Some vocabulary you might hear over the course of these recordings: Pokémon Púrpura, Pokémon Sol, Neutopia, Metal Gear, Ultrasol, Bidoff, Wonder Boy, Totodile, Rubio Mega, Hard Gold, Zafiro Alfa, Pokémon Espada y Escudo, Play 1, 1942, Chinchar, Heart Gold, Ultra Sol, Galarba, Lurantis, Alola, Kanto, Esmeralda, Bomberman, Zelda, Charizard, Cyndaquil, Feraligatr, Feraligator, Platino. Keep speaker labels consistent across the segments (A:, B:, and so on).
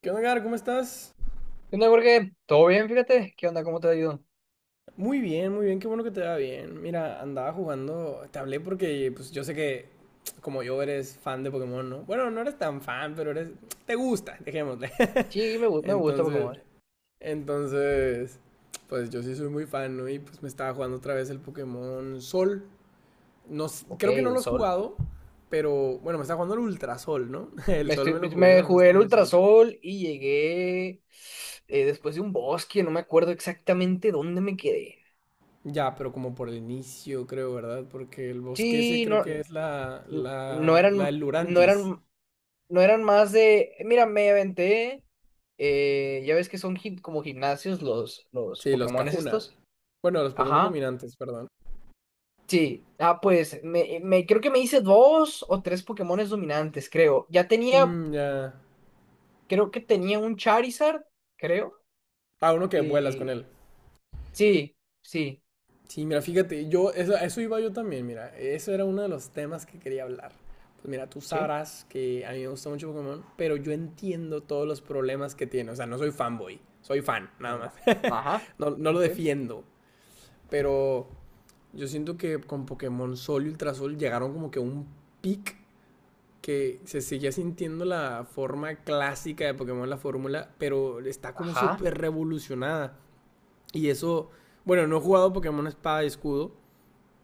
A: ¿Qué onda, Gar? ¿Cómo estás?
B: ¿Qué onda, Jorge? ¿Todo bien? Fíjate. ¿Qué onda? ¿Cómo te ha ido?
A: Muy bien, qué bueno que te va bien. Mira, andaba jugando, te hablé porque pues yo sé que como yo eres fan de Pokémon, ¿no? Bueno, no eres tan fan, pero eres te gusta, dejémosle.
B: Sí, me gusta
A: Entonces,
B: Pokémon.
A: entonces, pues yo sí soy muy fan, ¿no? Y pues me estaba jugando otra vez el Pokémon Sol. No,
B: Ok,
A: creo que no
B: el
A: lo has
B: sol.
A: jugado, pero bueno, me estaba jugando el Ultrasol, ¿no? El Sol me lo jugué
B: Me
A: cuando
B: jugué el
A: estaba muy
B: Ultra
A: chiquito.
B: Sol y llegué después de un bosque. No me acuerdo exactamente dónde me quedé.
A: Ya, pero como por el inicio, creo, ¿verdad? Porque el bosque ese
B: Sí,
A: creo
B: no,
A: que es la,
B: n- no
A: la, la
B: eran,
A: del
B: no
A: Lurantis.
B: eran, no eran más de. Mira, me aventé. Ya ves que son como gimnasios los
A: Sí, los
B: Pokémones
A: Cajuna.
B: estos.
A: Bueno, los Pokémon
B: Ajá.
A: dominantes, perdón.
B: Sí, ah, creo que me hice dos o tres Pokémones dominantes, creo. Ya tenía
A: Mm, ya.
B: creo que tenía un Charizard, creo.
A: Ah, uno que vuelas con
B: Y
A: él.
B: sí, sí,
A: Sí, mira, fíjate, yo, eso, a eso iba yo también, mira. Eso era uno de los temas que quería hablar. Pues mira, tú
B: sí.
A: sabrás que a mí me gusta mucho Pokémon, pero yo entiendo todos los problemas que tiene. O sea, no soy fanboy, soy fan, nada más.
B: No, ajá,
A: No, no lo
B: sí,
A: defiendo, pero yo siento que con Pokémon Sol y Ultrasol llegaron como que a un pic que se seguía sintiendo la forma clásica de Pokémon, la fórmula, pero está como
B: ajá,
A: súper revolucionada. Y eso, bueno, no he jugado Pokémon Espada y Escudo,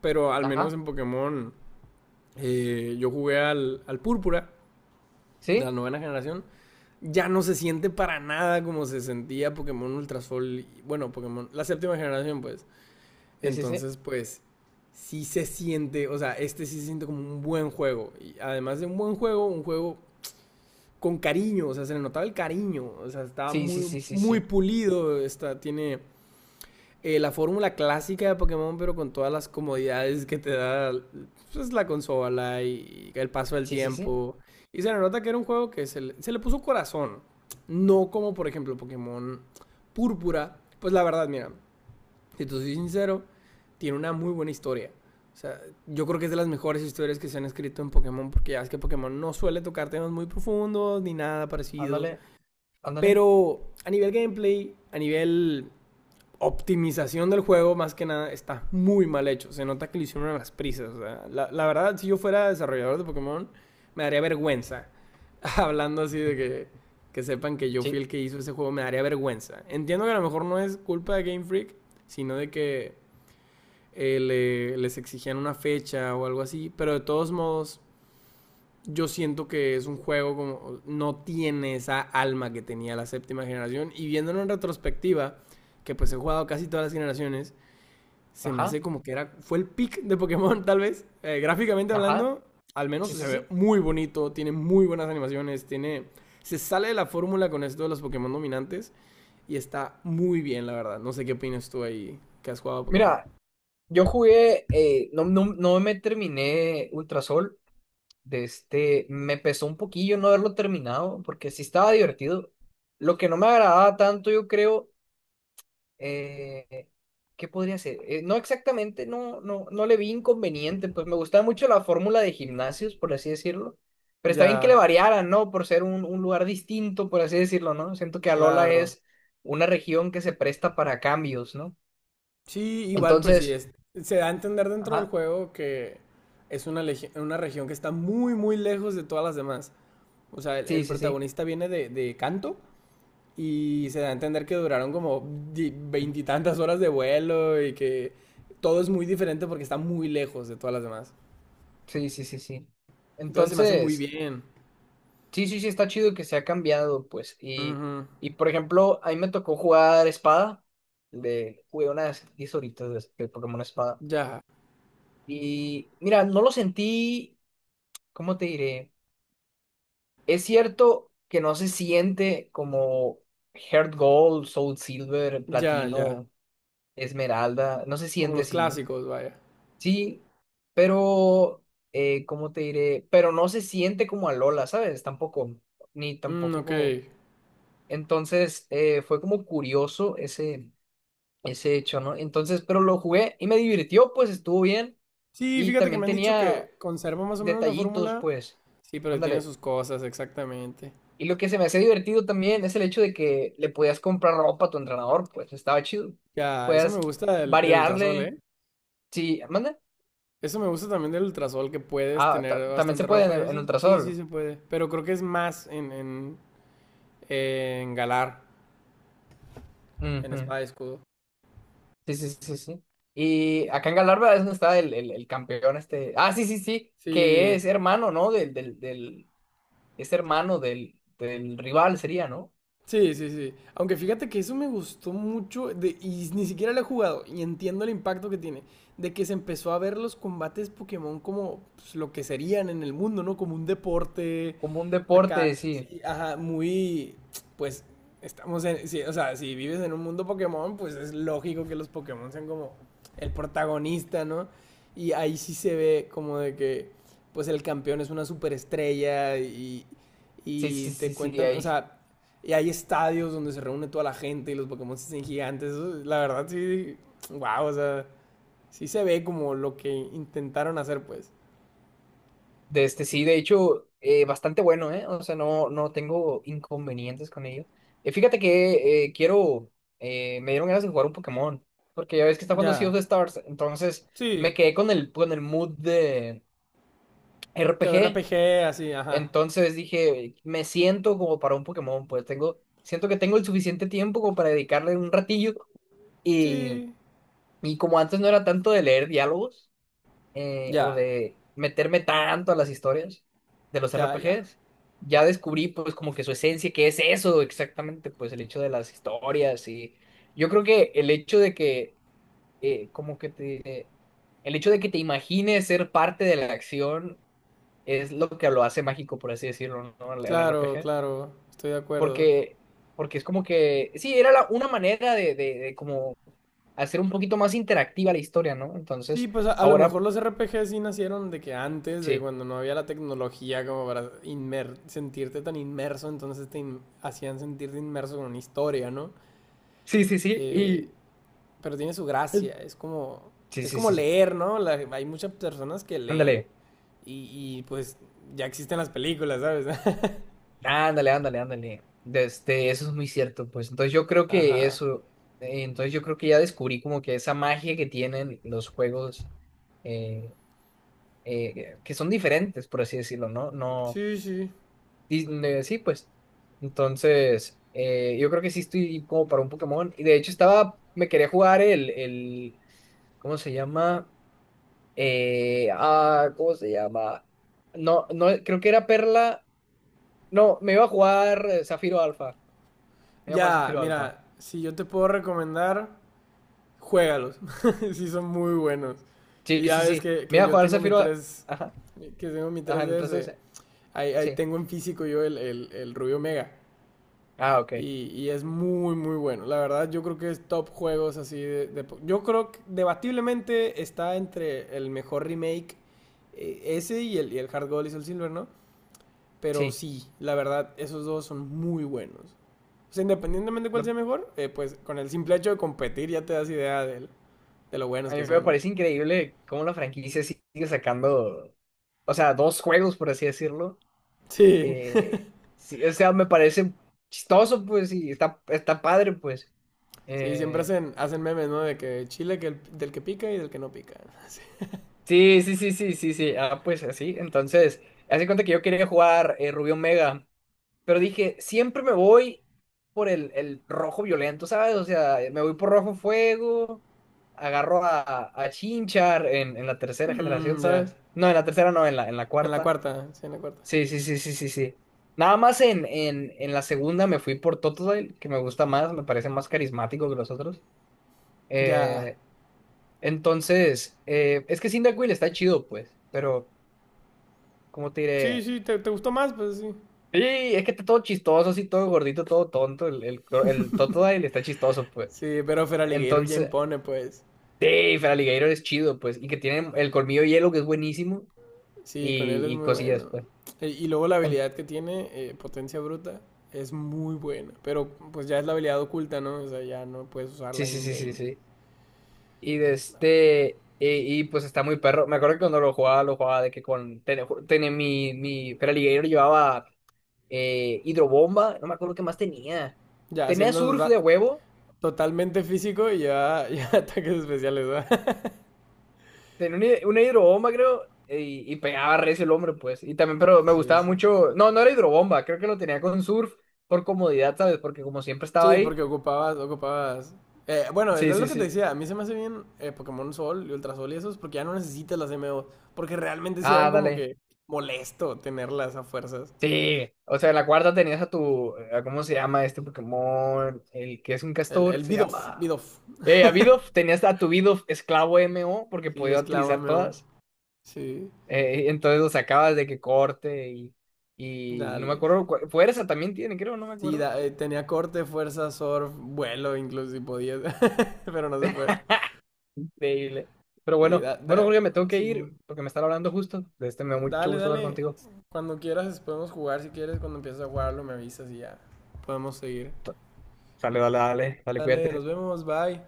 A: pero al menos
B: ajá.
A: en Pokémon yo jugué al, al Púrpura de la
B: Sí,
A: novena generación. Ya no se siente para nada como se sentía Pokémon Ultrasol, y- bueno, Pokémon, la séptima generación pues.
B: sí, sí, sí.
A: Entonces, pues, sí se siente, o sea, este sí se siente como un buen juego. Y además de un buen juego, un juego con cariño, o sea, se le notaba el cariño, o sea, estaba
B: Sí, sí,
A: muy,
B: sí, sí,
A: muy
B: sí.
A: pulido, está, tiene la fórmula clásica de Pokémon, pero con todas las comodidades que te da pues, la consola y el paso del
B: Sí, sí, sí.
A: tiempo. Y se le nota que era un juego que se le puso corazón, no como por ejemplo Pokémon Púrpura. Pues la verdad, mira, si te soy sincero, tiene una muy buena historia. O sea, yo creo que es de las mejores historias que se han escrito en Pokémon, porque ya ves que Pokémon no suele tocar temas muy profundos ni nada parecido.
B: Ándale, ándale.
A: Pero a nivel gameplay, a nivel optimización del juego, más que nada, está muy mal hecho. Se nota que lo hicieron a las prisas. O sea, la verdad, si yo fuera desarrollador de Pokémon, me daría vergüenza. Hablando así de que sepan que yo fui
B: Sí.
A: el que hizo ese juego, me daría vergüenza. Entiendo que a lo mejor no es culpa de Game Freak, sino de que les exigían una fecha o algo así, pero de todos modos yo siento que es un juego como no tiene esa alma que tenía la séptima generación y viéndolo en retrospectiva, que pues he jugado casi todas las generaciones, se me hace
B: Ajá.
A: como que era fue el pick de Pokémon tal vez. Gráficamente
B: Ajá.
A: hablando, al menos
B: Sí,
A: se
B: sí,
A: ve
B: sí.
A: muy bonito, tiene muy buenas animaciones, tiene se sale de la fórmula con esto de los Pokémon dominantes y está muy bien, la verdad. No sé qué opinas tú ahí que has jugado a Pokémon.
B: Mira, yo jugué, no, no me terminé Ultrasol. De este, me pesó un poquillo no haberlo terminado, porque sí estaba divertido. Lo que no me agradaba tanto, yo creo, eh, ¿qué podría ser? No exactamente, no, no le vi inconveniente, pues me gustaba mucho la fórmula de gimnasios, por así decirlo. Pero está bien que le
A: Ya,
B: variaran, ¿no? Por ser un lugar distinto, por así decirlo, ¿no? Siento que Alola
A: claro.
B: es una región que se presta para cambios, ¿no?
A: Sí, igual, pues sí,
B: Entonces,
A: es, se da a entender dentro del
B: ajá,
A: juego que es una, una región que está muy, muy lejos de todas las demás. O sea,
B: sí,
A: el
B: sí, sí,
A: protagonista viene de Kanto y se da a entender que duraron como veintitantas horas de vuelo y que todo es muy diferente porque está muy lejos de todas las demás.
B: sí, sí, sí, sí.
A: Entonces se me hace muy
B: Entonces,
A: bien.
B: sí, sí, sí, está chido que se ha cambiado, pues.
A: Ujú.
B: Y por ejemplo, a mí me tocó jugar espada, de, jugué unas 10 horitas de Pokémon espada.
A: Ya,
B: Y mira, no lo sentí, ¿cómo te diré? Es cierto que no se siente como Heart Gold, Soul Silver,
A: ya, ya.
B: Platino, Esmeralda, no se
A: Como
B: siente
A: los
B: así, ¿no?
A: clásicos, vaya.
B: Sí, pero, ¿cómo te diré? Pero no se siente como a Lola, ¿sabes? Tampoco, ni
A: Mm,
B: tampoco.
A: ok.
B: Entonces, fue como curioso ese, ese hecho, ¿no? Entonces, pero lo jugué y me divirtió, pues estuvo bien.
A: Sí,
B: Y
A: fíjate que
B: también
A: me han dicho
B: tenía
A: que conserva más o menos la
B: detallitos,
A: fórmula.
B: pues.
A: Sí, pero tiene
B: Ándale.
A: sus cosas, exactamente.
B: Y lo que se me hace divertido también es el hecho de que le podías comprar ropa a tu entrenador, pues estaba chido.
A: Ya, eso me
B: Podías
A: gusta del, del ultrasol,
B: variarle.
A: ¿eh?
B: Sí, manda.
A: Eso me gusta también del ultrasol, que puedes
B: Ah,
A: tener
B: también se
A: bastante
B: puede
A: ropa y
B: en
A: eso. Sí, sí
B: Ultrasol.
A: se puede. Pero creo que es más en, en Galar, en
B: Ujú.
A: espada y escudo.
B: Sí, sí, sí, sí. Y acá en Galarba es donde está el campeón este. Ah, sí, sí, sí. Que
A: Sí,
B: es hermano, ¿no? Es hermano del, del rival, sería, ¿no?
A: sí, sí, sí. Aunque fíjate que eso me gustó mucho de- y ni siquiera lo he jugado y entiendo el impacto que tiene, de que se empezó a ver los combates Pokémon como pues, lo que serían en el mundo, ¿no? Como un deporte
B: Como un deporte,
A: acá,
B: sí.
A: sí, ajá, muy, pues estamos en, sí, o sea, si vives en un mundo Pokémon, pues es lógico que los Pokémon sean como el protagonista, ¿no? Y ahí sí se ve como de que, pues el campeón es una superestrella
B: Sí,
A: y
B: sí,
A: te
B: sí, sí.
A: cuentan, o
B: Ahí
A: sea y hay estadios donde se reúne toda la gente y los Pokémon se hacen gigantes. Eso, la verdad, sí. Wow, o sea, sí se ve como lo que intentaron hacer, pues.
B: de este, sí, de hecho, bastante bueno, ¿eh? O sea, no, no tengo inconvenientes con ello. Fíjate que me dieron ganas de jugar un Pokémon, porque ya ves que está jugando Sea
A: Ya.
B: of the Stars, entonces
A: Sí.
B: me quedé con el mood de
A: De
B: RPG,
A: RPG, así, ajá.
B: entonces dije, me siento como para un Pokémon, pues tengo, siento que tengo el suficiente tiempo como para dedicarle un ratillo, y,
A: Sí.
B: y como antes no era tanto de leer diálogos, o
A: Ya.
B: de meterme tanto a las historias de los
A: Ya, ya.
B: RPGs. Ya descubrí pues como que su esencia, que es eso exactamente, pues el hecho de las historias y yo creo que el hecho de que eh, como que te, el hecho de que te imagines ser parte de la acción es lo que lo hace mágico, por así decirlo, ¿no? El
A: Claro,
B: RPG.
A: claro. Estoy de acuerdo.
B: Porque, porque es como que, sí, una manera de como hacer un poquito más interactiva la historia, ¿no?
A: Sí,
B: Entonces,
A: pues a lo
B: ahora,
A: mejor los RPG sí nacieron de que antes, de
B: sí.
A: cuando no había la tecnología como para sentirte tan inmerso, entonces hacían sentirte inmerso con una historia, ¿no?
B: Sí, sí, sí.
A: Eh,
B: Y
A: pero tiene su gracia.
B: sí,
A: Es
B: sí,
A: como
B: sí, sí.
A: leer, ¿no? La- hay muchas personas que leen
B: Ándale,
A: y, pues ya existen las películas, ¿sabes?
B: ándale, ándale, ándale. Este, eso es muy cierto, pues. Entonces yo creo que
A: Ajá.
B: eso, entonces yo creo que ya descubrí como que esa magia que tienen los juegos eh, que son diferentes, por así decirlo, ¿no? No,
A: Sí, sí.
B: sí, pues. Entonces, yo creo que sí estoy como para un Pokémon. Y de hecho estaba, me quería jugar ¿cómo se llama? ¿Cómo se llama? No, no, creo que era Perla. No, me iba a jugar Zafiro Alfa. Me iba a jugar
A: Ya,
B: Zafiro Alfa.
A: mira, si yo te puedo recomendar, juégalos. Sí, son muy buenos.
B: Sí,
A: Y ya
B: sí,
A: ves
B: sí. Me
A: que
B: iba a
A: yo
B: jugar
A: tengo mi
B: Zafiro.
A: 3
B: Ajá.
A: que tengo mi
B: Ajá, entonces.
A: 3DS.
B: Eh,
A: Ahí, ahí
B: sí.
A: tengo en físico yo el Rubio Mega.
B: Ah, ok.
A: Y es muy, muy bueno. La verdad, yo creo que es top juegos así de- yo creo que debatiblemente está entre el mejor remake ese y el Hard Gold y Soul Silver, ¿no? Pero
B: Sí.
A: sí, la verdad, esos dos son muy buenos. O sea, independientemente de cuál
B: Me-
A: sea mejor, pues con el simple hecho de competir ya te das idea del- de lo buenos
B: A mí
A: que
B: me
A: son, ¿no?
B: parece increíble cómo la franquicia sigue sacando. O sea, dos juegos, por así decirlo.
A: Sí,
B: Eh, sí, o sea, me parece chistoso, pues, y está, está padre, pues.
A: sí, siempre
B: Eh,
A: hacen, hacen memes, ¿no? De que chile que el- del que pica y del que no pica. Sí.
B: sí, sí, sí, sí, sí, sí. Ah, pues así. Entonces, hace cuenta que yo quería jugar Rubio Mega. Pero dije, siempre me voy por el rojo violento, ¿sabes? O sea, me voy por rojo fuego, agarro a Chinchar en la tercera generación,
A: Mm, ya,
B: ¿sabes? No, en la tercera no, en la
A: en la
B: cuarta.
A: cuarta, sí, en la cuarta.
B: Sí, sí, sí, sí, sí, sí. Nada más en la segunda me fui por Totodile, que me gusta más, me parece más carismático que los otros.
A: Ya,
B: Eh, entonces, es que Cyndaquil está chido, pues, pero, ¿cómo te
A: sí,
B: diré?
A: sí, ¿te, te gustó más? Pues sí.
B: Sí, es que está todo chistoso, así todo gordito, todo tonto. El Totodile está chistoso, pues.
A: Sí, pero Feraligator ya
B: Entonces,
A: impone, pues.
B: sí, Feraligatr es chido, pues. Y que tiene el colmillo hielo, que es buenísimo.
A: Sí, con él es
B: Y
A: muy
B: cosillas,
A: bueno.
B: pues.
A: E- Y luego la
B: En-
A: habilidad que tiene, potencia bruta, es muy buena. Pero pues ya es la habilidad oculta, ¿no? O sea, ya no puedes
B: Sí,
A: usarla
B: sí, sí, sí,
A: in-game.
B: sí. Y de este. Y, pues está muy perro. Me acuerdo que cuando lo jugaba de que con. Tenía mi Feraligatr llevaba hidrobomba. No me acuerdo qué más tenía.
A: Ya
B: Tenía
A: siendo
B: surf de huevo.
A: totalmente físico y ya, ya ataques especiales, ¿verdad?
B: Tenía una hidrobomba, creo, y pegaba recio el hombre, pues. Y también, pero me
A: Sí,
B: gustaba
A: sí.
B: mucho. No, no era hidrobomba, creo que lo tenía con surf por comodidad, ¿sabes? Porque como siempre estaba
A: Sí, porque
B: ahí.
A: ocupabas, ocupabas. Bueno, es
B: Sí,
A: lo
B: sí,
A: que te
B: sí.
A: decía, a mí se me hace bien Pokémon Sol y Ultra Sol y esos, porque ya no necesitas las MO, porque realmente sí eran
B: Ah,
A: como
B: dale.
A: que molesto tenerlas a fuerzas.
B: Sí. O sea, en la cuarta tenías a tu. A ¿cómo se llama este Pokémon? El que es un castor,
A: El
B: se
A: Bidoff,
B: llama.
A: Bidoff.
B: A Bidoff, tenías a tu Bidoff esclavo MO, porque
A: Sí,
B: podía
A: esclavo
B: utilizar
A: MO.
B: todas.
A: Sí,
B: Entonces lo sacabas de que corte y. Y no me
A: dale.
B: acuerdo. Fuerza también tiene, creo, no me
A: Sí,
B: acuerdo.
A: tenía corte, fuerza, surf, vuelo, incluso si podías, pero no se puede.
B: Increíble. Pero
A: Sí,
B: bueno, bueno, Julio, me tengo que
A: sí.
B: ir porque me están hablando justo. De este me da mucho
A: Dale,
B: gusto hablar
A: dale.
B: contigo.
A: Cuando quieras podemos jugar, si quieres, cuando empieces a jugarlo me avisas y ya podemos seguir.
B: Sale, dale, dale, dale,
A: Dale, nos
B: cuídate.
A: vemos, bye.